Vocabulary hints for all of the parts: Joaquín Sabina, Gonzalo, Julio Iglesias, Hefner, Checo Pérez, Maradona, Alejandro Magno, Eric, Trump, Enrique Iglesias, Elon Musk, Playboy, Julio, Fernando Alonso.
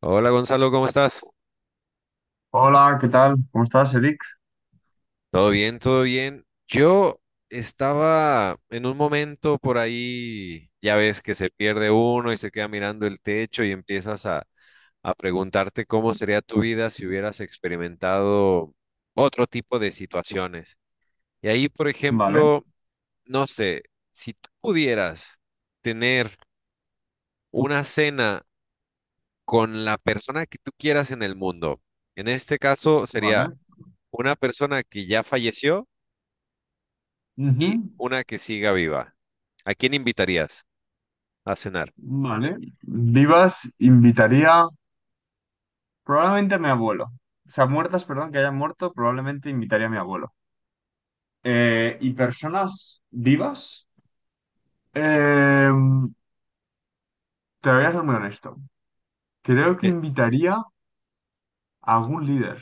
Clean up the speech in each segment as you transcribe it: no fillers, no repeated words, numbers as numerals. Hola Gonzalo, ¿cómo estás? Hola, ¿qué tal? ¿Cómo estás, Eric? Todo bien, todo bien. Yo estaba en un momento por ahí, ya ves que se pierde uno y se queda mirando el techo y empiezas a preguntarte cómo sería tu vida si hubieras experimentado otro tipo de situaciones. Y ahí, por Vale, ejemplo, no sé, si tú pudieras tener una cena con la persona que tú quieras en el mundo, en este caso sería vale. una persona que ya falleció Ujú. y una que siga viva. ¿A quién invitarías a cenar? Vale. Vivas, invitaría probablemente a mi abuelo. O sea, muertas, perdón, que hayan muerto, probablemente invitaría a mi abuelo. ¿Y personas vivas? Eh, Te voy a ser muy honesto. Creo que Eh, invitaría a algún líder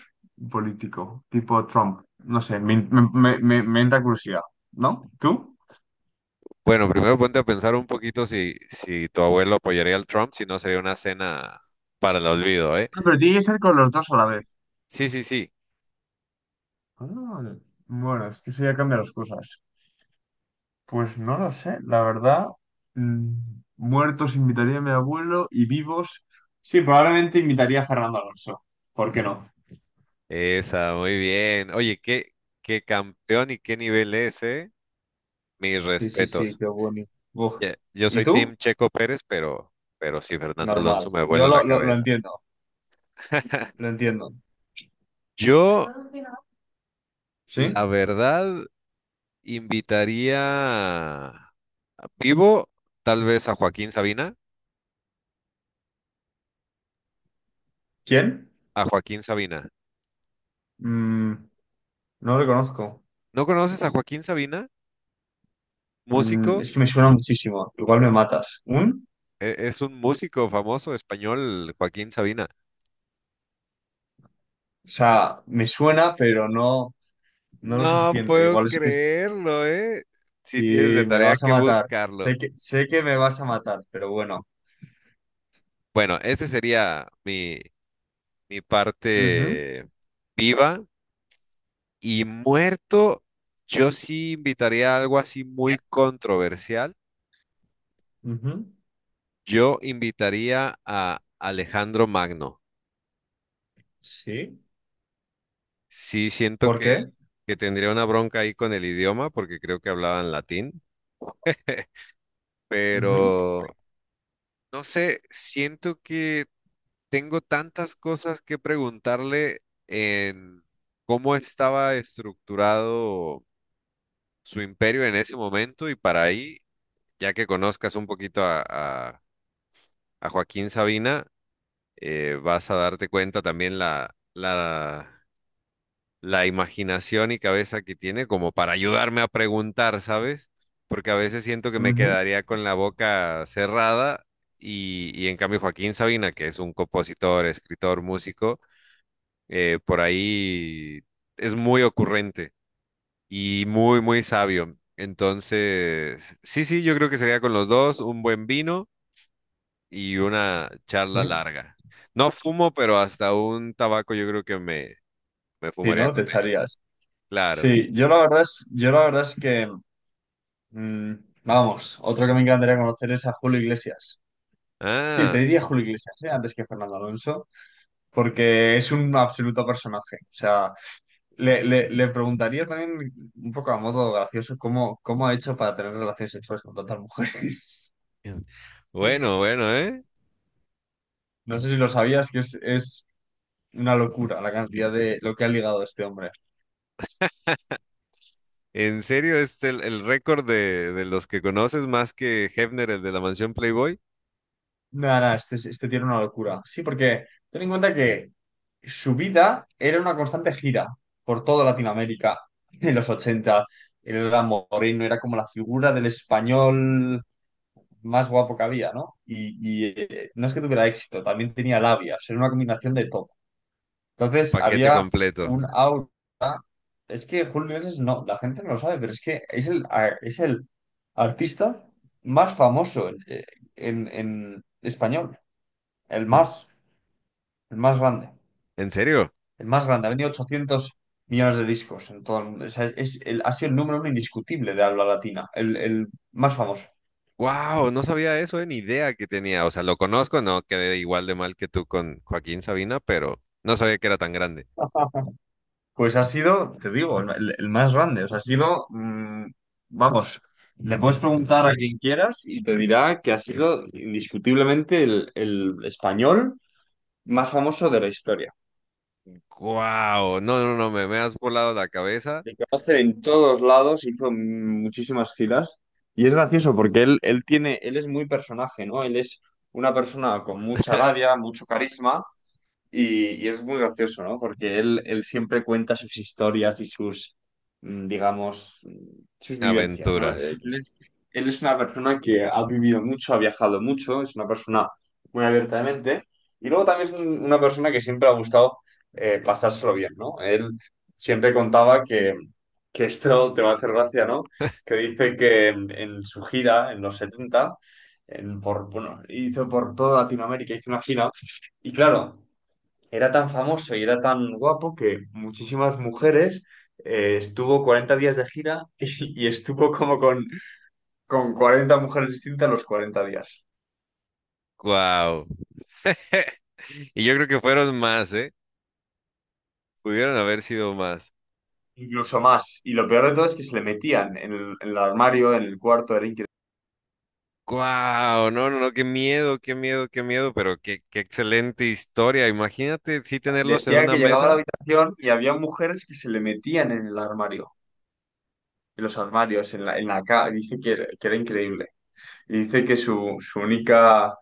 político, tipo Trump. No sé, me entra curiosidad, ¿no? ¿Tú? Bueno, primero ponte a pensar un poquito si tu abuelo apoyaría al Trump, si no sería una cena para el olvido, ¿eh? Ah, pero tiene que ser con los dos a la vez. Sí, sí, sí. Ah, bueno, es que eso ya cambia las cosas. Pues no lo sé, la verdad. mm, Muertos invitaría a mi abuelo y vivos. Sí, probablemente invitaría a Fernando Alonso. ¿Por qué no? Esa, muy bien. Oye, qué campeón y qué nivel es, ¿eh? Mis Sí, sí, sí, respetos. qué bonito. Uf. Ya, yo ¿Y soy tú? Team Checo Pérez, pero sí, Fernando Normal. Alonso me vuela Yo la lo cabeza. entiendo, lo entiendo. Yo, ¿Sí? la verdad. Invitaría a- vivo, tal vez a Joaquín Sabina. ¿Quién? A Joaquín Sabina. Mm, no lo conozco. ¿No conoces a Joaquín Sabina? Mm, Músico. es que me suena muchísimo. Igual me matas. ¿Un? Es un músico famoso español, Joaquín Sabina. O sea, me suena, pero no, no lo No suficiente. puedo Igual es que creerlo, ¿eh? Sí tienes de sí, me tarea vas a que matar. buscarlo. Sé que me vas a matar, pero bueno. Bueno, ese sería mi Ujú. parte viva. Y muerto, yo sí invitaría a algo así muy Ya. controversial. Ujú. Yo invitaría a Alejandro Magno. Sí. Sí, siento ¿Por qué? que tendría una bronca ahí con el idioma, porque creo que hablaban latín, Ujú. pero no sé, siento que tengo tantas cosas que preguntarle en cómo estaba estructurado su imperio en ese momento y para ahí, ya que conozcas un poquito a Joaquín Sabina, vas a darte cuenta también la imaginación y cabeza que tiene como para ayudarme a preguntar, ¿sabes? Porque a veces siento que me Ujú. quedaría con la boca cerrada y en cambio Joaquín Sabina, que es un compositor, escritor, músico, por ahí es muy ocurrente y muy sabio. Entonces, sí, sí, yo creo que sería con los dos un buen vino y una charla Sí. larga. No fumo, pero hasta un tabaco yo creo que me Si fumaría no, te con él. echarías. Claro. Yo la verdad es que, mm, vamos, otro que me encantaría conocer es a Julio Iglesias. Sí, te Ah, diría Julio Iglesias, ¿eh? Antes que Fernando Alonso, porque es un absoluto personaje. O sea, le preguntaría también, un poco a modo gracioso, cómo, cómo ha hecho para tener relaciones sexuales con tantas mujeres. bueno, bueno, ¿eh? No sé si lo sabías, que es una locura la cantidad de lo que ha ligado este hombre. En serio, este el récord de los que conoces más que Hefner, el de la mansión Playboy, Nada, nada, este tiene una locura. Sí, porque ten en cuenta que su vida era una constante gira por toda Latinoamérica en los ochenta. Él era moreno, era como la figura del español más guapo que había, ¿no? Y no es que tuviera éxito, también tenía labias, era una combinación de todo. el Entonces paquete había completo. un aura. Es que Julio Iglesias no, la gente no lo sabe, pero es que es el artista más famoso en español, el ¿En, más, el más grande, en serio? el más grande. Ha vendido 800 millones de discos en todo el mundo. O sea, ha sido el número uno indiscutible de habla latina, el más famoso. Wow, no sabía eso, ni idea que tenía. O sea, lo conozco, no quedé igual de mal que tú con Joaquín Sabina, pero no sabía que era tan grande. Pues ha sido, te digo, el más grande. O sea, ha sido, vamos, le puedes preguntar a quien quieras y te dirá que ha sido indiscutiblemente el español más famoso de la historia. Wow, no, no, no, me has volado la cabeza. Le conocen en todos lados, hizo muchísimas giras. Y es gracioso porque él tiene, él es muy personaje, ¿no? Él es una persona con mucha labia, mucho carisma. Y es muy gracioso, ¿no? Porque él siempre cuenta sus historias y sus, digamos, sus vivencias, ¿no? Aventuras. Él es una persona que ha vivido mucho, ha viajado mucho, es una persona muy abierta de mente y luego también es una persona que siempre ha gustado pasárselo bien, ¿no? Él siempre contaba que esto te va a hacer gracia, ¿no? Que dice que en su gira, en los 70 bueno, hizo por toda Latinoamérica, hizo una gira y claro era tan famoso y era tan guapo que muchísimas mujeres estuvo 40 días de gira y estuvo como con 40 mujeres distintas los 40 días, Wow. Y yo creo que fueron más, ¿eh? Pudieron haber sido más. incluso más. Y lo peor de todo es que se le metían en el armario, en el cuarto, era increíble. Wow, no, no, no, qué miedo, qué miedo, qué miedo, pero qué excelente historia. Imagínate, sí tenerlos en Decía una que llegaba a la mesa. habitación y había mujeres que se le metían en el armario. En los armarios, en la dice que era increíble. Y dice que su única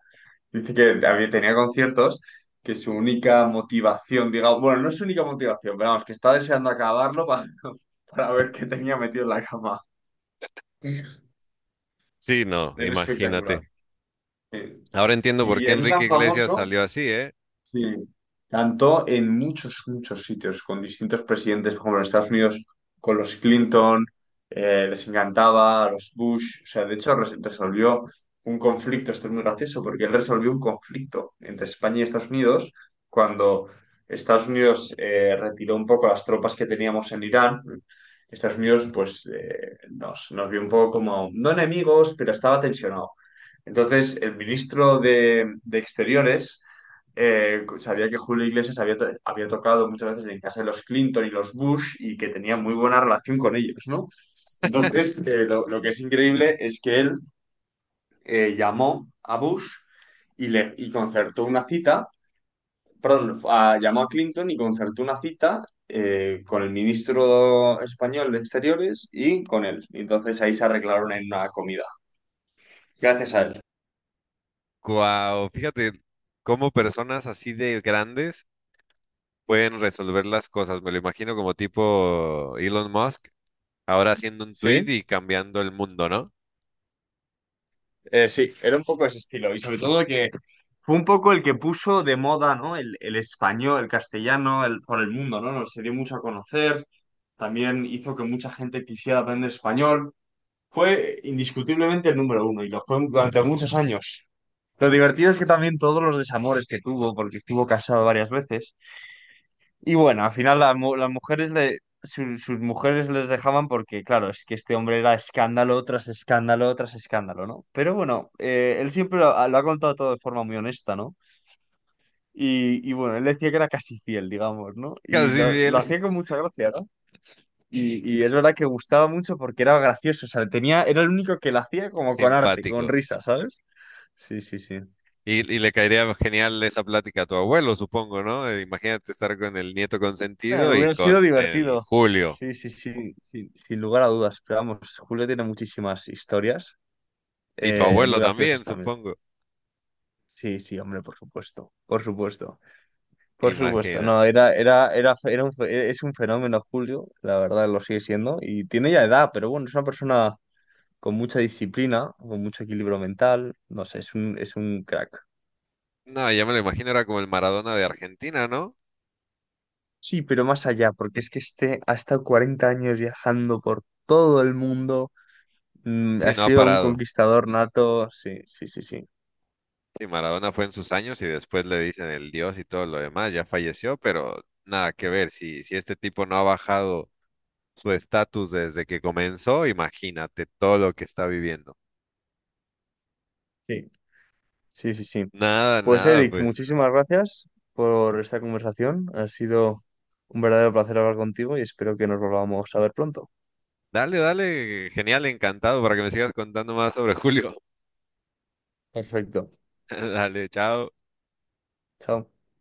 dice que tenía conciertos que su única motivación, digamos, bueno, no es su única motivación, pero vamos, que está deseando acabarlo para, para ver qué tenía metido en la cama. Sí, no, Era espectacular. imagínate. Sí. Ahora entiendo por Y qué era tan Enrique Iglesias famoso. salió así, ¿eh? Sí, cantó en muchos, muchos sitios con distintos presidentes, por ejemplo, en Estados Unidos con los Clinton, les encantaba, a los Bush, o sea, de hecho resolvió un conflicto, esto es muy gracioso, porque él resolvió un conflicto entre España y Estados Unidos cuando Estados Unidos retiró un poco las tropas que teníamos en Irán. Estados Unidos, pues, nos vio un poco como, no enemigos, pero estaba tensionado. Entonces, el ministro de Exteriores sabía que Julio Iglesias había tocado muchas veces en casa de los Clinton y los Bush y que tenía muy buena relación con ellos, ¿no? Entonces, lo que es increíble es que él llamó a Bush y concertó una cita, perdón, llamó a Clinton y concertó una cita con el ministro español de Exteriores y con él. Y entonces ahí se arreglaron en una comida, gracias a él. Wow, fíjate cómo personas así de grandes pueden resolver las cosas. Me lo imagino como tipo Elon Musk, ahora haciendo un tweet ¿Sí? y cambiando el mundo, ¿no? Sí, era un poco ese estilo. Y sobre todo que fue un poco el que puso de moda, ¿no? El español, el castellano, el, por el mundo, ¿no? Nos se dio mucho a conocer. También hizo que mucha gente quisiera aprender español. Fue indiscutiblemente el número uno y lo fue durante muchos años. Lo divertido es que también todos los desamores que tuvo, porque estuvo casado varias veces, y bueno, al final las mujeres sus mujeres les dejaban porque, claro, es que este hombre era escándalo tras escándalo tras escándalo, ¿no? Pero bueno, él siempre ha lo ha contado todo de forma muy honesta, ¿no? Y bueno, él decía que era casi fiel, digamos, ¿no? Y Casi lo bien. hacía con mucha gracia, ¿no? Y es verdad que gustaba mucho porque era gracioso, o sea, tenía, era el único que lo hacía como con arte, con Simpático. risa, ¿sabes? Sí, sí, sí. Y le caería genial esa plática a tu abuelo, supongo, ¿no? Imagínate estar con el nieto consentido y Hubiera sido con el divertido. Julio. Sí, sí, sí, sin, sin lugar a dudas. Pero vamos, Julio tiene muchísimas historias. Y tu abuelo Muy graciosas también, también. supongo. Sí, sí, hombre, por supuesto, por supuesto, por supuesto. Imagina. No, era, era, era, fe- era un fe- es un fenómeno, Julio, la verdad lo sigue siendo, y tiene ya edad, pero bueno, es una persona con mucha disciplina, con mucho equilibrio mental, no sé, es es un crack. No, ya me lo imagino, era como el Maradona de Argentina, ¿no? Sí, pero más allá, porque es que este ha estado 40 años viajando por todo el mundo, ha Sí, no ha sido un parado. conquistador nato, sí, sí, sí, sí, Sí, Maradona fue en sus años y después le dicen el Dios y todo lo demás, ya falleció, pero nada que ver. Si, si este tipo no ha bajado su estatus desde que comenzó, imagínate todo lo que está viviendo. sí, sí, sí, sí. Nada, Pues nada, Eric, pues. muchísimas gracias por esta conversación. Ha sido un verdadero placer hablar contigo y espero que nos volvamos a ver pronto. Dale, dale, genial, encantado para que me sigas contando más sobre Julio. Perfecto. Dale, chao. Chao.